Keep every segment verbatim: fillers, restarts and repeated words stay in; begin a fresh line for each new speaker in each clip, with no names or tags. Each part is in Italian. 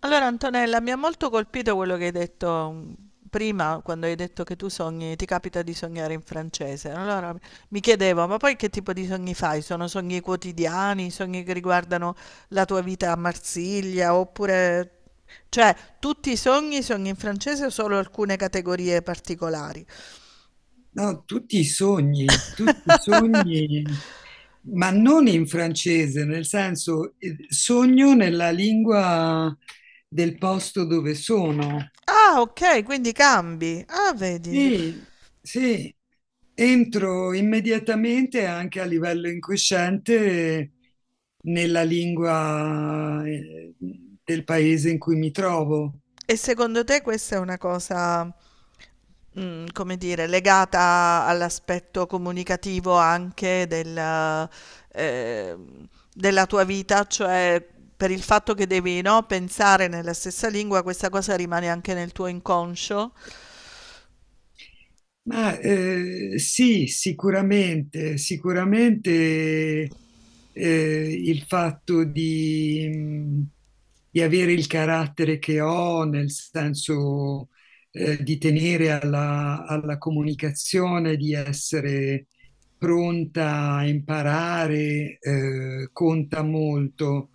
Allora Antonella, mi ha molto colpito quello che hai detto, mm, prima, quando hai detto che tu sogni, ti capita di sognare in francese. Allora mi chiedevo, ma poi che tipo di sogni fai? Sono sogni quotidiani, sogni che riguardano la tua vita a Marsiglia, oppure. Cioè, tutti i sogni, sogni in francese o solo alcune categorie particolari?
No, tutti i sogni, tutti i sogni, ma non in francese, nel senso eh, sogno nella lingua del posto dove sono.
Ah, ok, quindi cambi. Ah, vedi.
E sì, entro immediatamente anche a livello incosciente nella lingua eh, del paese in cui mi trovo.
E secondo te questa è una cosa, mm, come dire, legata all'aspetto comunicativo anche del, eh, della tua vita, cioè per il fatto che devi, no, pensare nella stessa lingua, questa cosa rimane anche nel tuo inconscio?
Ma eh, sì, sicuramente, sicuramente eh, il fatto di, mh, di avere il carattere che ho, nel senso eh, di tenere alla, alla comunicazione, di essere pronta a imparare, eh, conta molto.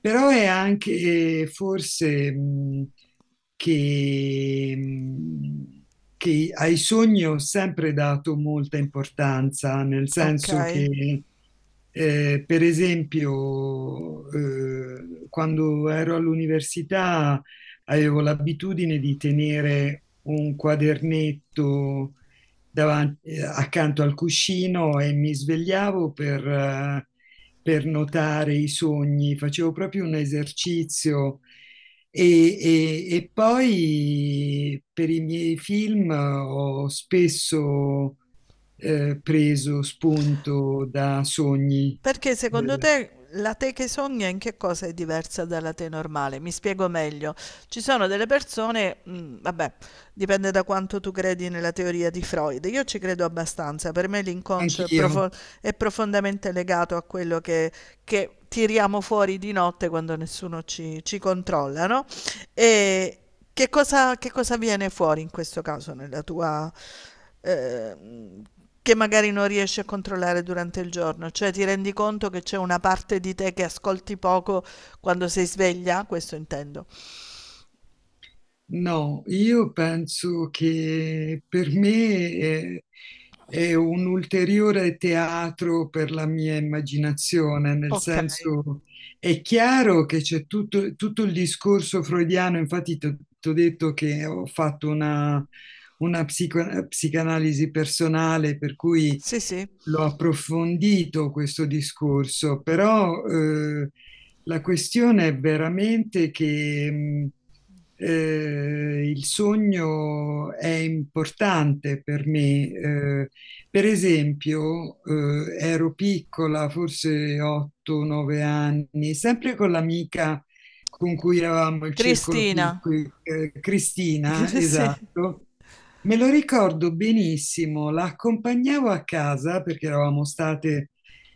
Però è anche forse mh, che, mh, che ai sogni ho sempre dato molta importanza, nel
Ok.
senso che, eh, per esempio, eh, quando ero all'università avevo l'abitudine di tenere un quadernetto davanti- eh, accanto al cuscino e mi svegliavo per, eh, per notare i sogni, facevo proprio un esercizio e, e- e poi per i miei film ho spesso eh, preso spunto da sogni,
Perché secondo
eh,
te la te che sogna in che cosa è diversa dalla te normale? Mi spiego meglio. Ci sono delle persone, mm, vabbè, dipende da quanto tu credi nella teoria di Freud. Io ci credo abbastanza, per me l'inconscio è
anch'io.
profo- è profondamente legato a quello che, che tiriamo fuori di notte quando nessuno ci, ci controlla, no? E che cosa, che cosa viene fuori in questo caso nella tua, eh, che magari non riesci a controllare durante il giorno, cioè ti rendi conto che c'è una parte di te che ascolti poco quando sei sveglia? Questo intendo.
No, io penso che per me è, è un ulteriore teatro per la mia immaginazione, nel
Okay,
senso è chiaro che c'è tutto, tutto il discorso freudiano, infatti ti ho detto che ho fatto una, una psico- psicanalisi personale, per cui
sì, sì.
l'ho approfondito questo discorso, però eh, la questione è veramente che mh, eh, il sogno è importante per me. Eh, per esempio, eh, ero piccola, forse otto nove anni, sempre con l'amica con cui eravamo il circolo
Cristina,
piccolo, eh, Cristina,
sì,
esatto. Me lo ricordo benissimo, la accompagnavo a casa perché eravamo state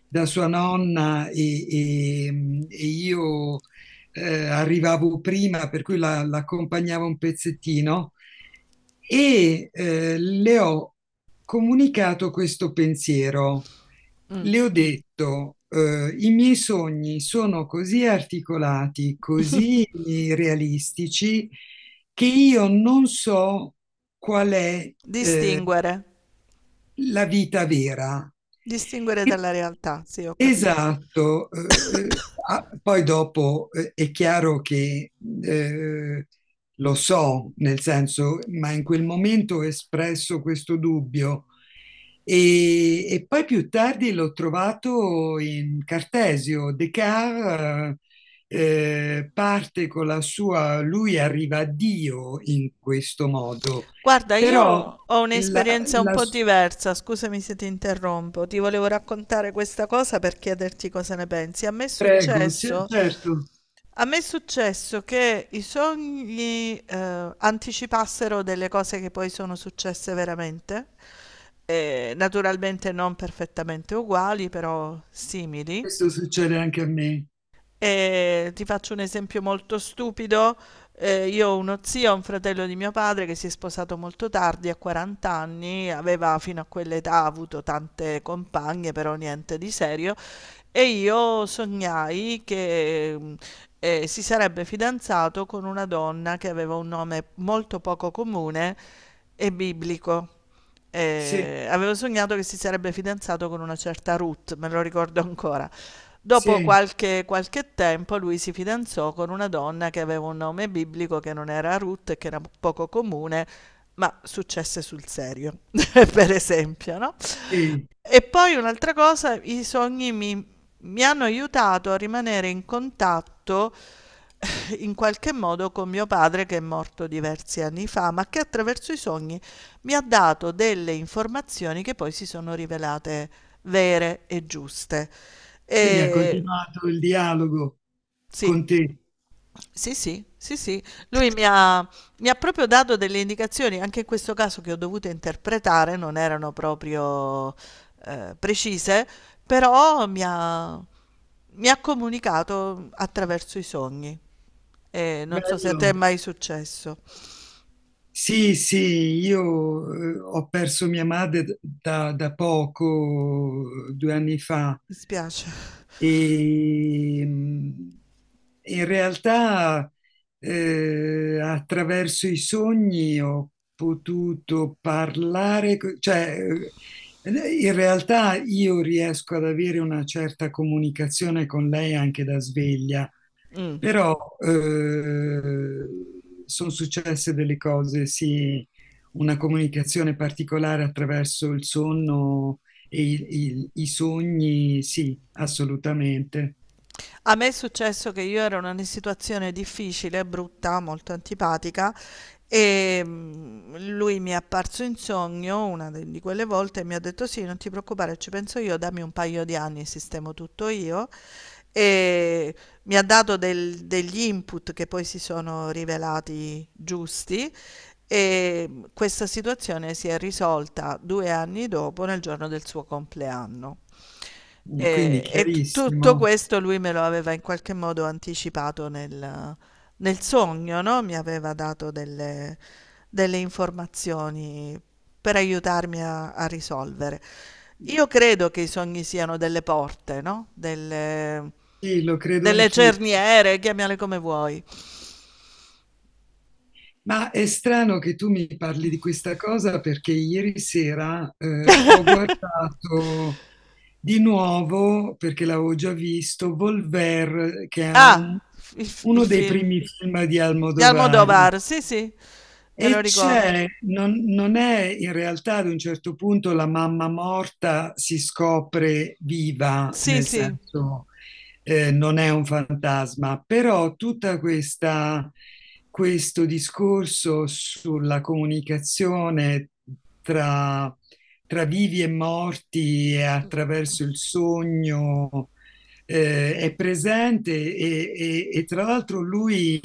da sua nonna e, e- e io eh, arrivavo prima, per cui la, l'accompagnavo un pezzettino e eh, le ho comunicato questo pensiero.
mh.
Le ho detto, eh, i miei sogni sono così articolati, così eh, realistici, che io non so qual è eh,
Distinguere,
la vita vera.
distinguere
E
dalla realtà, sì, ho capito.
esatto, eh, eh, ah, poi dopo eh, è chiaro che eh, lo so, nel senso, ma in quel momento ho espresso questo dubbio e, e poi più tardi l'ho trovato in Cartesio. Descartes eh, eh, parte con la sua, lui arriva a Dio in questo modo,
Guarda,
però
io ho
la,
un'esperienza un
la-
po' diversa, scusami se ti interrompo, ti volevo raccontare questa cosa per chiederti cosa ne pensi. A me è
prego, sì,
successo
certo,
A me è successo che i sogni eh, anticipassero delle cose che poi sono successe veramente, eh, naturalmente non perfettamente uguali, però simili.
questo succede anche a me.
E ti faccio un esempio molto stupido. Eh, io ho uno zio, un fratello di mio padre che si è sposato molto tardi, a quaranta anni, aveva fino a quell'età avuto tante compagne, però niente di serio, e io sognai che, mh, eh, si sarebbe fidanzato con una donna che aveva un nome molto poco comune e biblico.
Sì,
Eh, avevo sognato che si sarebbe fidanzato con una certa Ruth, me lo ricordo ancora. Dopo
sì,
qualche, qualche tempo lui si fidanzò con una donna che aveva un nome biblico che non era Ruth e che era poco comune, ma successe sul serio, per esempio, no?
sì.
E poi un'altra cosa, i sogni mi, mi hanno aiutato a rimanere in contatto, eh, in qualche modo, con mio padre che è morto diversi anni fa, ma che attraverso i sogni mi ha dato delle informazioni che poi si sono rivelate vere e giuste.
Quindi ha
E
continuato il dialogo
sì.
con te.
Sì, sì, sì, sì. Lui mi ha, mi ha proprio dato delle indicazioni, anche in questo caso, che ho dovuto interpretare, non erano proprio, eh, precise, però mi ha, mi ha comunicato attraverso i sogni. E non so se a te è
Bello.
mai successo.
Sì, sì, io eh, ho perso mia madre da, da poco, due anni fa.
Mi spiace.
E mh, in realtà, eh, attraverso i sogni ho potuto parlare, co- cioè, eh, in realtà io riesco ad avere una certa comunicazione con lei anche da sveglia.
Mm.
Però eh, sono successe delle cose, sì, una comunicazione particolare attraverso il sonno e il- il- i sogni, sì, assolutamente.
A me è successo che io ero in una situazione difficile, brutta, molto antipatica. E mm, lui mi è apparso in sogno una de- di quelle volte e mi ha detto: Sì, non ti preoccupare, ci penso io, dammi un paio di anni, sistemo tutto io. E mi ha dato del- degli input che poi si sono rivelati giusti. E mm, questa situazione si è risolta due anni dopo, nel giorno del suo compleanno.
Quindi
E, e tu- tutto
chiarissimo.
questo lui me lo aveva in qualche modo anticipato nel, nel, sogno, no, mi aveva dato delle delle informazioni per aiutarmi a a risolvere. Io credo che i sogni siano delle porte, no, delle
Sì, lo credo
delle
anch'io.
cerniere, chiamale come vuoi.
Ma è strano che tu mi parli di questa cosa perché ieri sera eh, ho guardato di nuovo, perché l'avevo già visto, Volver, che è
Ah,
un-
f il f il
uno dei
film
primi film di
di
Almodovar.
Almodovar, sì, sì, me lo
E
ricordo.
c'è, non, non è in realtà ad un certo punto la mamma morta si scopre viva,
Sì,
nel
sì,
senso eh, non è un fantasma, però tutta questa, questo discorso sulla comunicazione tra, tra vivi e morti e attraverso il sogno eh, è presente e, e e tra l'altro lui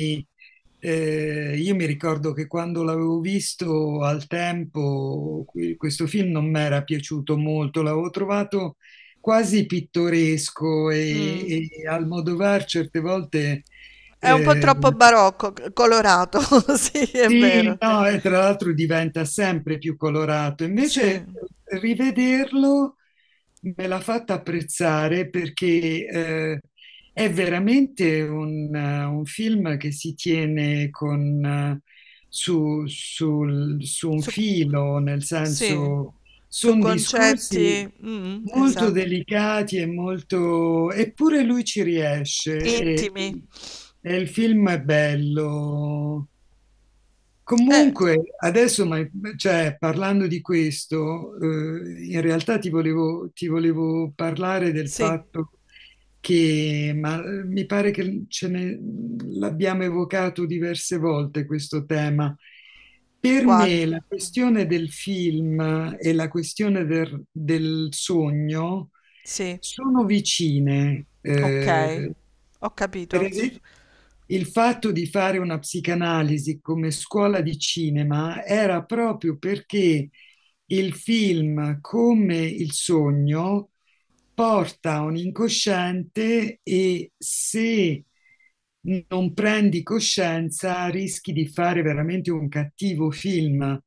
eh, io mi ricordo che quando l'avevo visto al tempo, que- questo film non mi era piaciuto molto, l'avevo trovato quasi pittoresco
mh.
e, e Almodovar certe volte sì.
È un po'
Eh,
troppo barocco, c colorato, sì, è
sì,
vero.
no, e tra l'altro diventa sempre più colorato.
Sì,
Invece eh, rivederlo me l'ha fatta apprezzare perché eh, è veramente un, eh, un film che si tiene con, eh, su, sul- su un
su
filo, nel
sì,
senso
su
sono discorsi
concetti, mh-mh,
molto
esatto.
delicati e molto eppure lui ci riesce e,
Intimi.
e il film è bello.
Eh,
Comunque, adesso, ma cioè, parlando di questo, eh, in realtà ti volevo, ti volevo parlare del
sì.
fatto che, ma eh, mi pare che ce ne l'abbiamo evocato diverse volte questo tema. Per
Quale?
me la questione del film e la questione del, del sogno
Sì.
sono vicine.
Ok,
Eh,
ho
per
capito.
esempio, il fatto di fare una psicanalisi come scuola di cinema era proprio perché il film, come il sogno, porta a un incosciente e se non prendi coscienza rischi di fare veramente un cattivo film,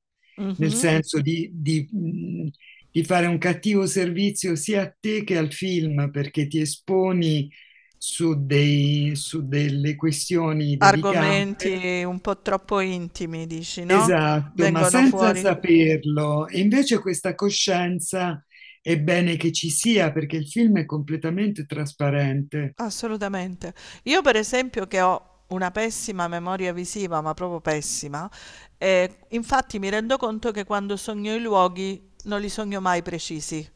nel
Mhm.
senso di, di, mh, di fare un cattivo servizio sia a te che al film, perché ti esponi su, dei- su delle questioni delicate,
Argomenti un po' troppo intimi, dici, no? Che
esatto, ma
vengono
senza
fuori.
saperlo. E invece questa coscienza è bene che ci sia perché il film è completamente trasparente.
Assolutamente. Io, per esempio, che ho una pessima memoria visiva, ma proprio pessima, eh, infatti mi rendo conto che quando sogno i luoghi non li sogno mai precisi.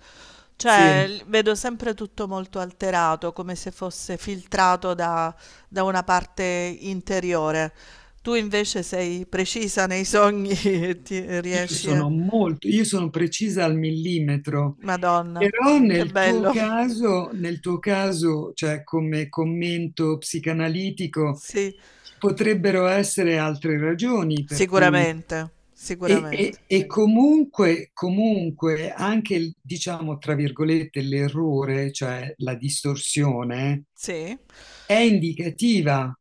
Cioè,
Sì,
l- vedo sempre tutto molto alterato, come se fosse filtrato da, da una parte interiore. Tu invece sei precisa nei sogni e ti
io
riesci a.
sono molto, io sono precisa al millimetro.
Madonna,
Però
che
nel tuo
bello.
caso, nel tuo caso, cioè come commento psicanalitico,
Sì,
ci potrebbero essere altre ragioni per cui
sicuramente,
e,
sicuramente.
e- e comunque, comunque anche il, diciamo, tra virgolette, l'errore, cioè la distorsione,
Sì,
è indicativa.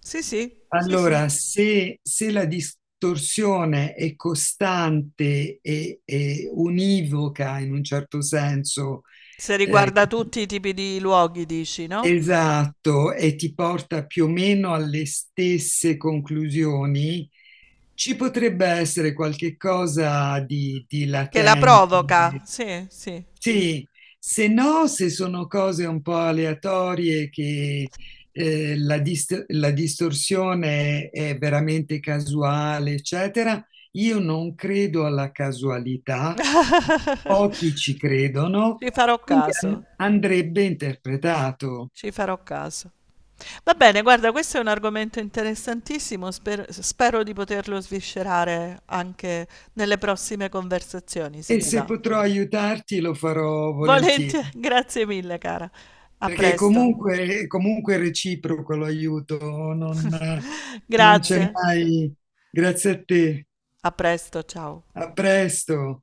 sì, sì, sì, sì.
Allora, se, se la distorsione è costante e, e univoca in un certo senso,
Se
eh,
riguarda tutti i tipi di luoghi, dici, no?
esatto, e ti porta più o meno alle stesse conclusioni. Ci potrebbe essere qualche cosa di, di
Che la
latente.
provoca. Sì, sì.
Sì, se no, se sono cose un po' aleatorie che eh, la, dist- la distorsione è veramente casuale, eccetera, io non credo alla casualità, pochi ci credono,
Ci farò
quindi
caso,
an- andrebbe interpretato.
ci farò caso. Va bene, guarda, questo è un argomento interessantissimo, sper- spero di poterlo sviscerare anche nelle prossime conversazioni, se
E
ti
se
va.
potrò aiutarti lo farò
Volentieri,
volentieri,
grazie mille, cara. A
perché
presto.
comunque, comunque è reciproco l'aiuto, non, non c'è
Grazie.
mai. Grazie a te,
A presto, ciao.
a presto.